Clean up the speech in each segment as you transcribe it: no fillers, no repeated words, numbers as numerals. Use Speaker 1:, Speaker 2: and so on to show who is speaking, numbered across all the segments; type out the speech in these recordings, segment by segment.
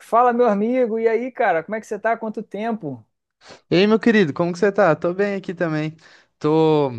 Speaker 1: Fala, meu amigo, e aí, cara, como é que você tá? Quanto tempo?
Speaker 2: Ei, meu querido, como que você tá? Tô bem aqui também. Tô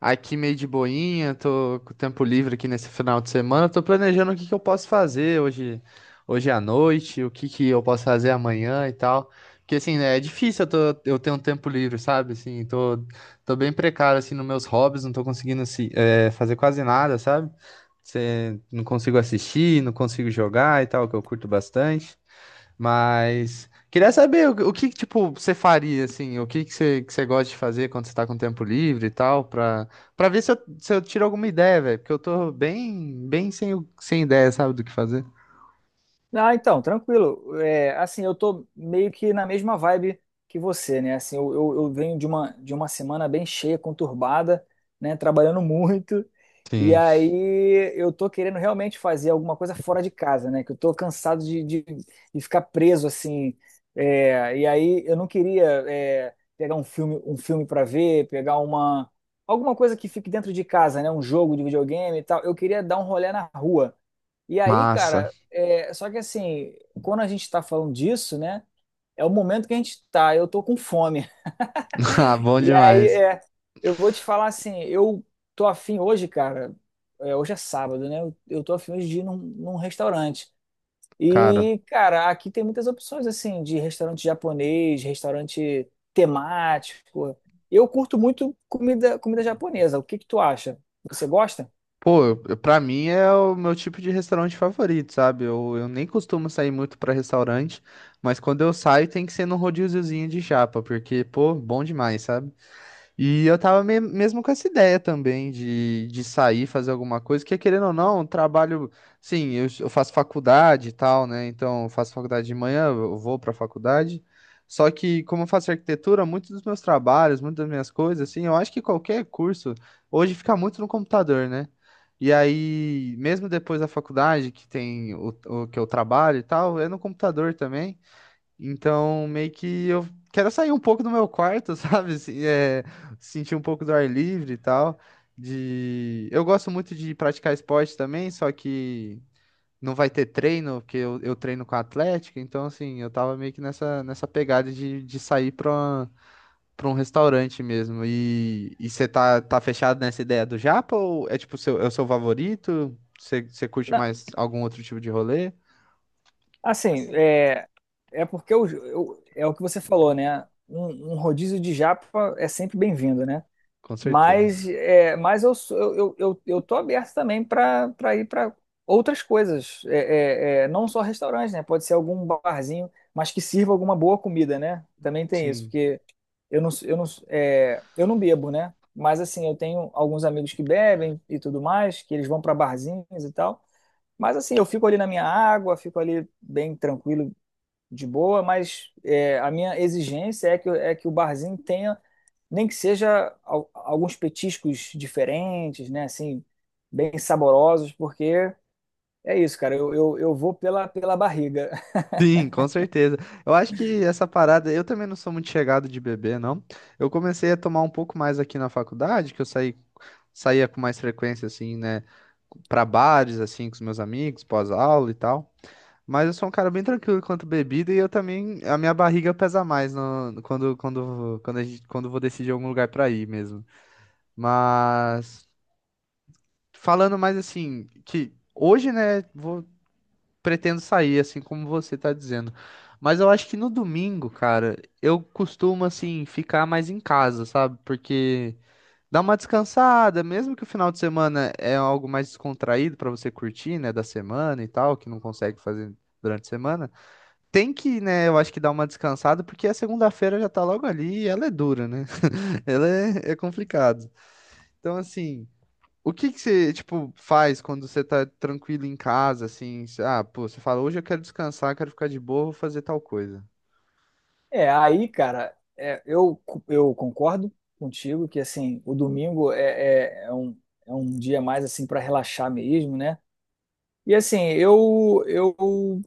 Speaker 2: aqui meio de boinha, tô com tempo livre aqui nesse final de semana. Tô planejando o que que eu posso fazer hoje, hoje à noite, o que que eu posso fazer amanhã e tal. Porque assim, né, é difícil eu ter um tempo livre, sabe? Assim, tô bem precário assim nos meus hobbies, não tô conseguindo assim, fazer quase nada, sabe? Não consigo assistir, não consigo jogar e tal, que eu curto bastante. Mas queria saber tipo, você faria, assim, o que que você gosta de fazer quando você tá com tempo livre e tal, pra ver se eu tiro alguma ideia, velho, porque eu tô bem, sem ideia, sabe, do que fazer.
Speaker 1: Ah, então, tranquilo. É, assim, eu tô meio que na mesma vibe que você, né? assim, eu venho de uma semana bem cheia, conturbada, né? Trabalhando muito. E
Speaker 2: Sim,
Speaker 1: aí eu tô querendo realmente fazer alguma coisa fora de casa, né? Que eu tô cansado de ficar preso, assim. É, e aí eu não queria, pegar um filme para ver, pegar uma. Alguma coisa que fique dentro de casa, né? Um jogo de videogame e tal. Eu queria dar um rolê na rua e aí,
Speaker 2: massa.
Speaker 1: cara, só que assim, quando a gente tá falando disso, né? É o momento que a gente tá, eu tô com fome.
Speaker 2: Ah, bom
Speaker 1: E aí,
Speaker 2: demais.
Speaker 1: eu vou te falar assim, eu tô afim hoje, cara, hoje é sábado, né? Eu tô afim hoje de ir num restaurante.
Speaker 2: Cara,
Speaker 1: E, cara, aqui tem muitas opções, assim, de restaurante japonês, restaurante temático. Eu curto muito comida japonesa. O que que tu acha? Você gosta?
Speaker 2: pô, pra mim é o meu tipo de restaurante favorito, sabe? Eu nem costumo sair muito pra restaurante, mas quando eu saio tem que ser num rodíziozinho de chapa, porque, pô, bom demais, sabe? E eu tava mesmo com essa ideia também de sair, fazer alguma coisa, que querendo ou não, trabalho. Sim, eu faço faculdade e tal, né? Então, eu faço faculdade de manhã, eu vou pra faculdade. Só que, como eu faço arquitetura, muitos dos meus trabalhos, muitas das minhas coisas, assim, eu acho que qualquer curso hoje fica muito no computador, né? E aí, mesmo depois da faculdade, que tem o que eu trabalho e tal, é no computador também. Então, meio que eu quero sair um pouco do meu quarto, sabe? Sentir um pouco do ar livre e tal. De... Eu gosto muito de praticar esporte também, só que não vai ter treino, porque eu treino com a Atlética. Então, assim, eu tava meio que nessa pegada de sair pra um restaurante mesmo. E você tá fechado nessa ideia do Japa ou é tipo seu, é o seu favorito? Você curte
Speaker 1: Na-
Speaker 2: mais algum outro tipo de rolê?
Speaker 1: Assim, é porque é o que você falou, né? Um rodízio de japa é sempre bem-vindo, né?
Speaker 2: Com
Speaker 1: Mas,
Speaker 2: certeza.
Speaker 1: mas eu tô aberto também para ir para outras coisas, não só restaurantes, né? Pode ser algum barzinho, mas que sirva alguma boa comida, né? Também tem isso,
Speaker 2: Sim.
Speaker 1: porque eu não bebo, né? Mas assim, eu tenho alguns amigos que bebem e tudo mais, que eles vão para barzinhos e tal. Mas assim, eu fico ali na minha água, fico ali bem tranquilo, de boa, mas a minha exigência é que o barzinho tenha, nem que seja alguns petiscos diferentes, né? Assim, bem saborosos, porque é isso, cara. Eu vou pela barriga.
Speaker 2: Sim, com certeza. Eu acho que essa parada, eu também não sou muito chegado de beber, não. Eu comecei a tomar um pouco mais aqui na faculdade, saía com mais frequência, assim, né, pra bares, assim, com os meus amigos, pós-aula e tal. Mas eu sou um cara bem tranquilo quanto bebida e eu também, a minha barriga pesa mais no, quando, quando, quando, a gente, quando eu vou decidir algum lugar pra ir mesmo. Mas, falando mais assim, que hoje, né, vou pretendo sair, assim como você tá dizendo. Mas eu acho que no domingo, cara, eu costumo, assim, ficar mais em casa, sabe? Porque dá uma descansada, mesmo que o final de semana é algo mais descontraído pra você curtir, né, da semana e tal, que não consegue fazer durante a semana. Tem que, né, eu acho que dar uma descansada, porque a segunda-feira já tá logo ali e ela é dura, né? É complicado. Então, assim. O que que você, tipo, faz quando você tá tranquilo em casa, assim? Ah, pô, você fala, hoje eu quero descansar, quero ficar de boa, vou fazer tal coisa.
Speaker 1: É, aí, cara, eu concordo contigo que, assim, o domingo é um dia mais, assim, para relaxar mesmo, né? E, assim,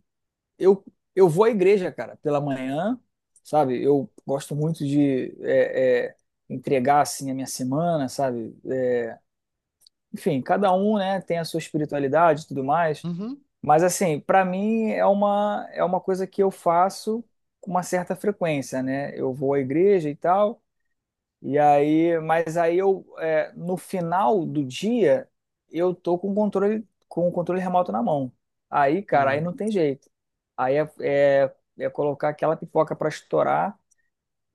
Speaker 1: eu, eu vou à igreja, cara, pela manhã, sabe? Eu gosto muito de entregar, assim, a minha semana, sabe? É, enfim, cada um, né, tem a sua espiritualidade e tudo mais.
Speaker 2: Uhum.
Speaker 1: Mas, assim, para mim é uma coisa que eu faço com uma certa frequência, né? Eu vou à igreja e tal, e aí, mas aí eu, no final do dia, eu tô com o controle remoto na mão. Aí, cara, aí
Speaker 2: Sim,
Speaker 1: não tem jeito. Aí é colocar aquela pipoca pra estourar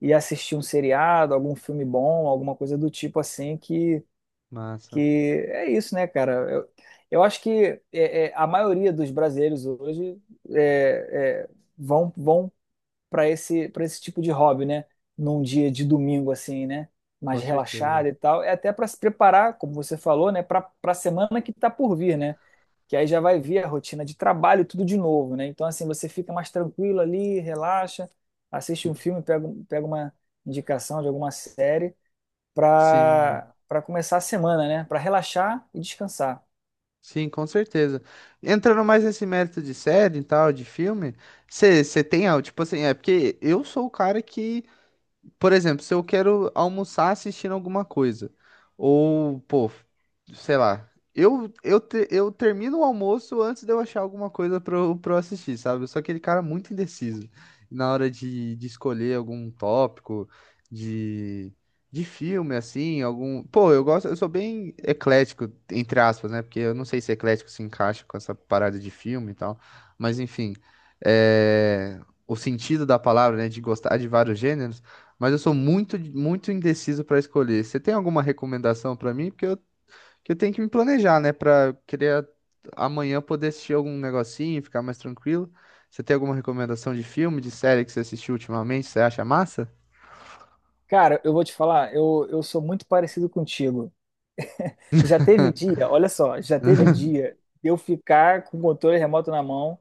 Speaker 1: e assistir um seriado, algum filme bom, alguma coisa do tipo assim, que
Speaker 2: massa,
Speaker 1: é isso, né, cara? Eu acho que a maioria dos brasileiros hoje é, é, vão para esse tipo de hobby, né? Num dia de domingo assim, né?
Speaker 2: com
Speaker 1: Mais
Speaker 2: certeza.
Speaker 1: relaxado e tal, é até para se preparar, como você falou, né? Para a semana que está por vir, né? Que aí já vai vir a rotina de trabalho tudo de novo, né? Então assim você fica mais tranquilo ali, relaxa, assiste um
Speaker 2: Hum.
Speaker 1: filme, pega uma indicação de alguma série
Speaker 2: Sim,
Speaker 1: para começar a semana, né? Para relaxar e descansar.
Speaker 2: sim, com certeza. Entrando mais nesse mérito de série e tal, de filme, você tem, ah, tipo assim, é porque eu sou o cara que por exemplo, se eu quero almoçar assistindo alguma coisa, ou, pô, sei lá, eu termino o almoço antes de eu achar alguma coisa pra eu assistir, sabe? Eu sou aquele cara muito indeciso na hora de escolher algum tópico de, de filme, assim, algum. Pô, eu gosto, eu sou bem eclético, entre aspas, né? Porque eu não sei se eclético se encaixa com essa parada de filme e tal, mas enfim. É... O sentido da palavra, né? De gostar de vários gêneros. Mas eu sou muito, muito indeciso para escolher. Você tem alguma recomendação para mim? Porque eu, que eu tenho que me planejar, né? Para eu querer amanhã poder assistir algum negocinho, ficar mais tranquilo. Você tem alguma recomendação de filme, de série que você assistiu ultimamente? Você acha massa?
Speaker 1: Cara, eu vou te falar, eu sou muito parecido contigo. Já teve dia, olha só, já teve dia de eu ficar com o controle remoto na mão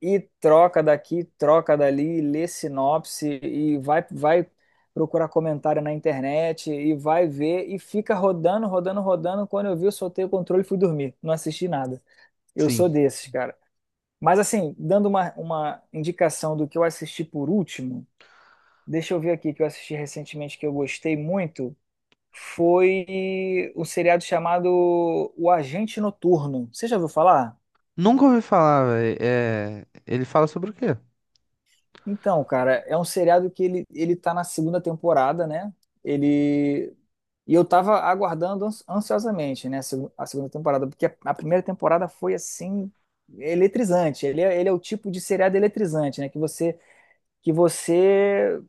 Speaker 1: e troca daqui, troca dali, lê sinopse e vai procurar comentário na internet e vai ver e fica rodando, rodando, rodando. Quando eu vi, eu soltei o controle e fui dormir. Não assisti nada. Eu
Speaker 2: Sim.
Speaker 1: sou desses, cara. Mas assim, dando uma indicação do que eu assisti por último, deixa eu ver aqui que eu assisti recentemente que eu gostei muito foi um seriado chamado O Agente Noturno. Você já ouviu falar?
Speaker 2: Nunca ouvi falar, velho. É... Ele fala sobre o quê?
Speaker 1: Então, cara, é um seriado que ele tá na segunda temporada, né? Ele. E eu tava aguardando ansiosamente, né, a a segunda temporada, porque a primeira temporada foi assim eletrizante. Ele é o tipo de seriado eletrizante, né, que você que você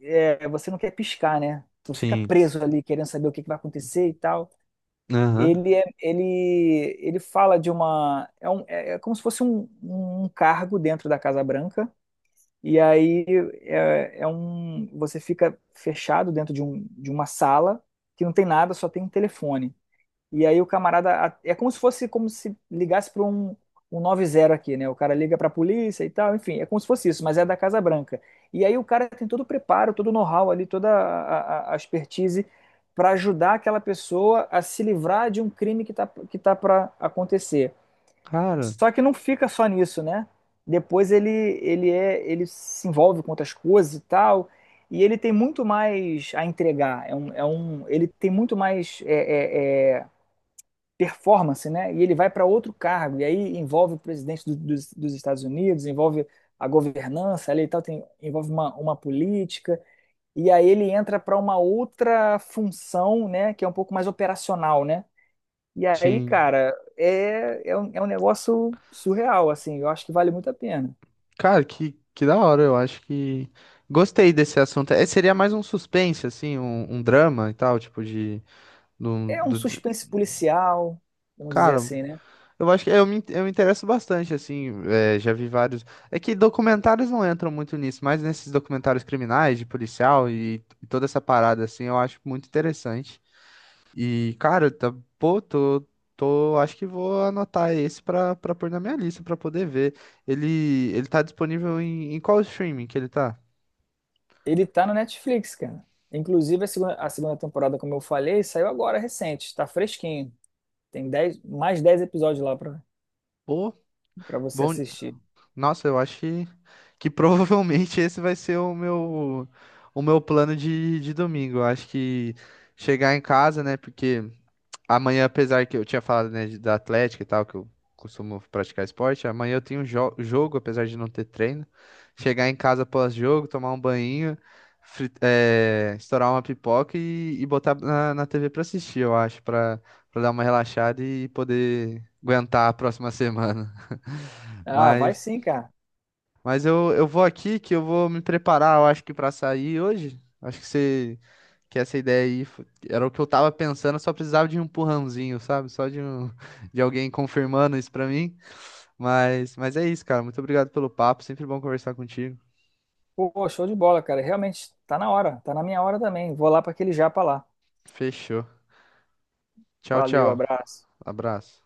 Speaker 1: é, você não quer piscar, né? Tu fica
Speaker 2: Sim.
Speaker 1: preso ali querendo saber o que que vai acontecer e tal.
Speaker 2: Aham.
Speaker 1: Ele fala de uma. É como se fosse um cargo dentro da Casa Branca. E aí você fica fechado dentro de uma sala que não tem nada, só tem um telefone. E aí o camarada. É como se fosse como se ligasse para um 90 aqui, né? O cara liga para a polícia e tal, enfim, é como se fosse isso, mas é da Casa Branca. E aí o cara tem todo o preparo, todo o know-how ali, toda a expertise para ajudar aquela pessoa a se livrar de um crime que tá para acontecer.
Speaker 2: Cara,
Speaker 1: Só que não fica só nisso, né? Depois ele se envolve com outras coisas e tal. E ele tem muito mais a entregar. Ele tem muito mais performance, né? E ele vai para outro cargo, e aí envolve o presidente dos Estados Unidos, envolve a governança ali e tal, envolve uma política, e aí ele entra para uma outra função, né, que é um pouco mais operacional, né? E aí,
Speaker 2: sim.
Speaker 1: cara, é um negócio surreal, assim, eu acho que vale muito a pena.
Speaker 2: Cara, que da hora. Eu acho que gostei desse assunto. É, seria mais um suspense, assim, um drama e tal, tipo de. Do.
Speaker 1: É um suspense policial, vamos dizer
Speaker 2: Cara,
Speaker 1: assim, né?
Speaker 2: eu acho que eu me interesso bastante, assim, é, já vi vários. É que documentários não entram muito nisso, mas nesses documentários criminais, de policial e toda essa parada, assim, eu acho muito interessante. E, cara, tá, pô, acho que vou anotar esse pra pôr na minha lista, pra poder ver. Ele tá disponível em, em qual streaming que ele tá?
Speaker 1: Ele tá no Netflix, cara. Inclusive, a segunda temporada, como eu falei, saiu agora recente, tá fresquinho. Tem 10 mais 10 episódios lá pra,
Speaker 2: Pô,
Speaker 1: pra você
Speaker 2: bom.
Speaker 1: assistir.
Speaker 2: Nossa, eu acho que provavelmente esse vai ser o meu plano de domingo. Eu acho que chegar em casa, né? Porque amanhã, apesar que eu tinha falado, né, da Atlética e tal, que eu costumo praticar esporte, amanhã eu tenho um jogo, apesar de não ter treino. Chegar em casa pós-jogo, tomar um banho, estourar uma pipoca e botar na TV pra assistir, eu acho, pra, pra dar uma relaxada e poder aguentar a próxima semana.
Speaker 1: Ah, vai
Speaker 2: Mas.
Speaker 1: sim, cara.
Speaker 2: Mas eu vou aqui que eu vou me preparar, eu acho que pra sair hoje. Acho que você que essa ideia aí era o que eu tava pensando, eu só precisava de um empurrãozinho, sabe? Só de um, de alguém confirmando isso pra mim. Mas é isso, cara. Muito obrigado pelo papo, sempre bom conversar contigo.
Speaker 1: Pô, show de bola, cara. Realmente, tá na hora. Tá na minha hora também. Vou lá pra aquele japa lá.
Speaker 2: Fechou. Tchau,
Speaker 1: Valeu,
Speaker 2: tchau.
Speaker 1: abraço.
Speaker 2: Abraço.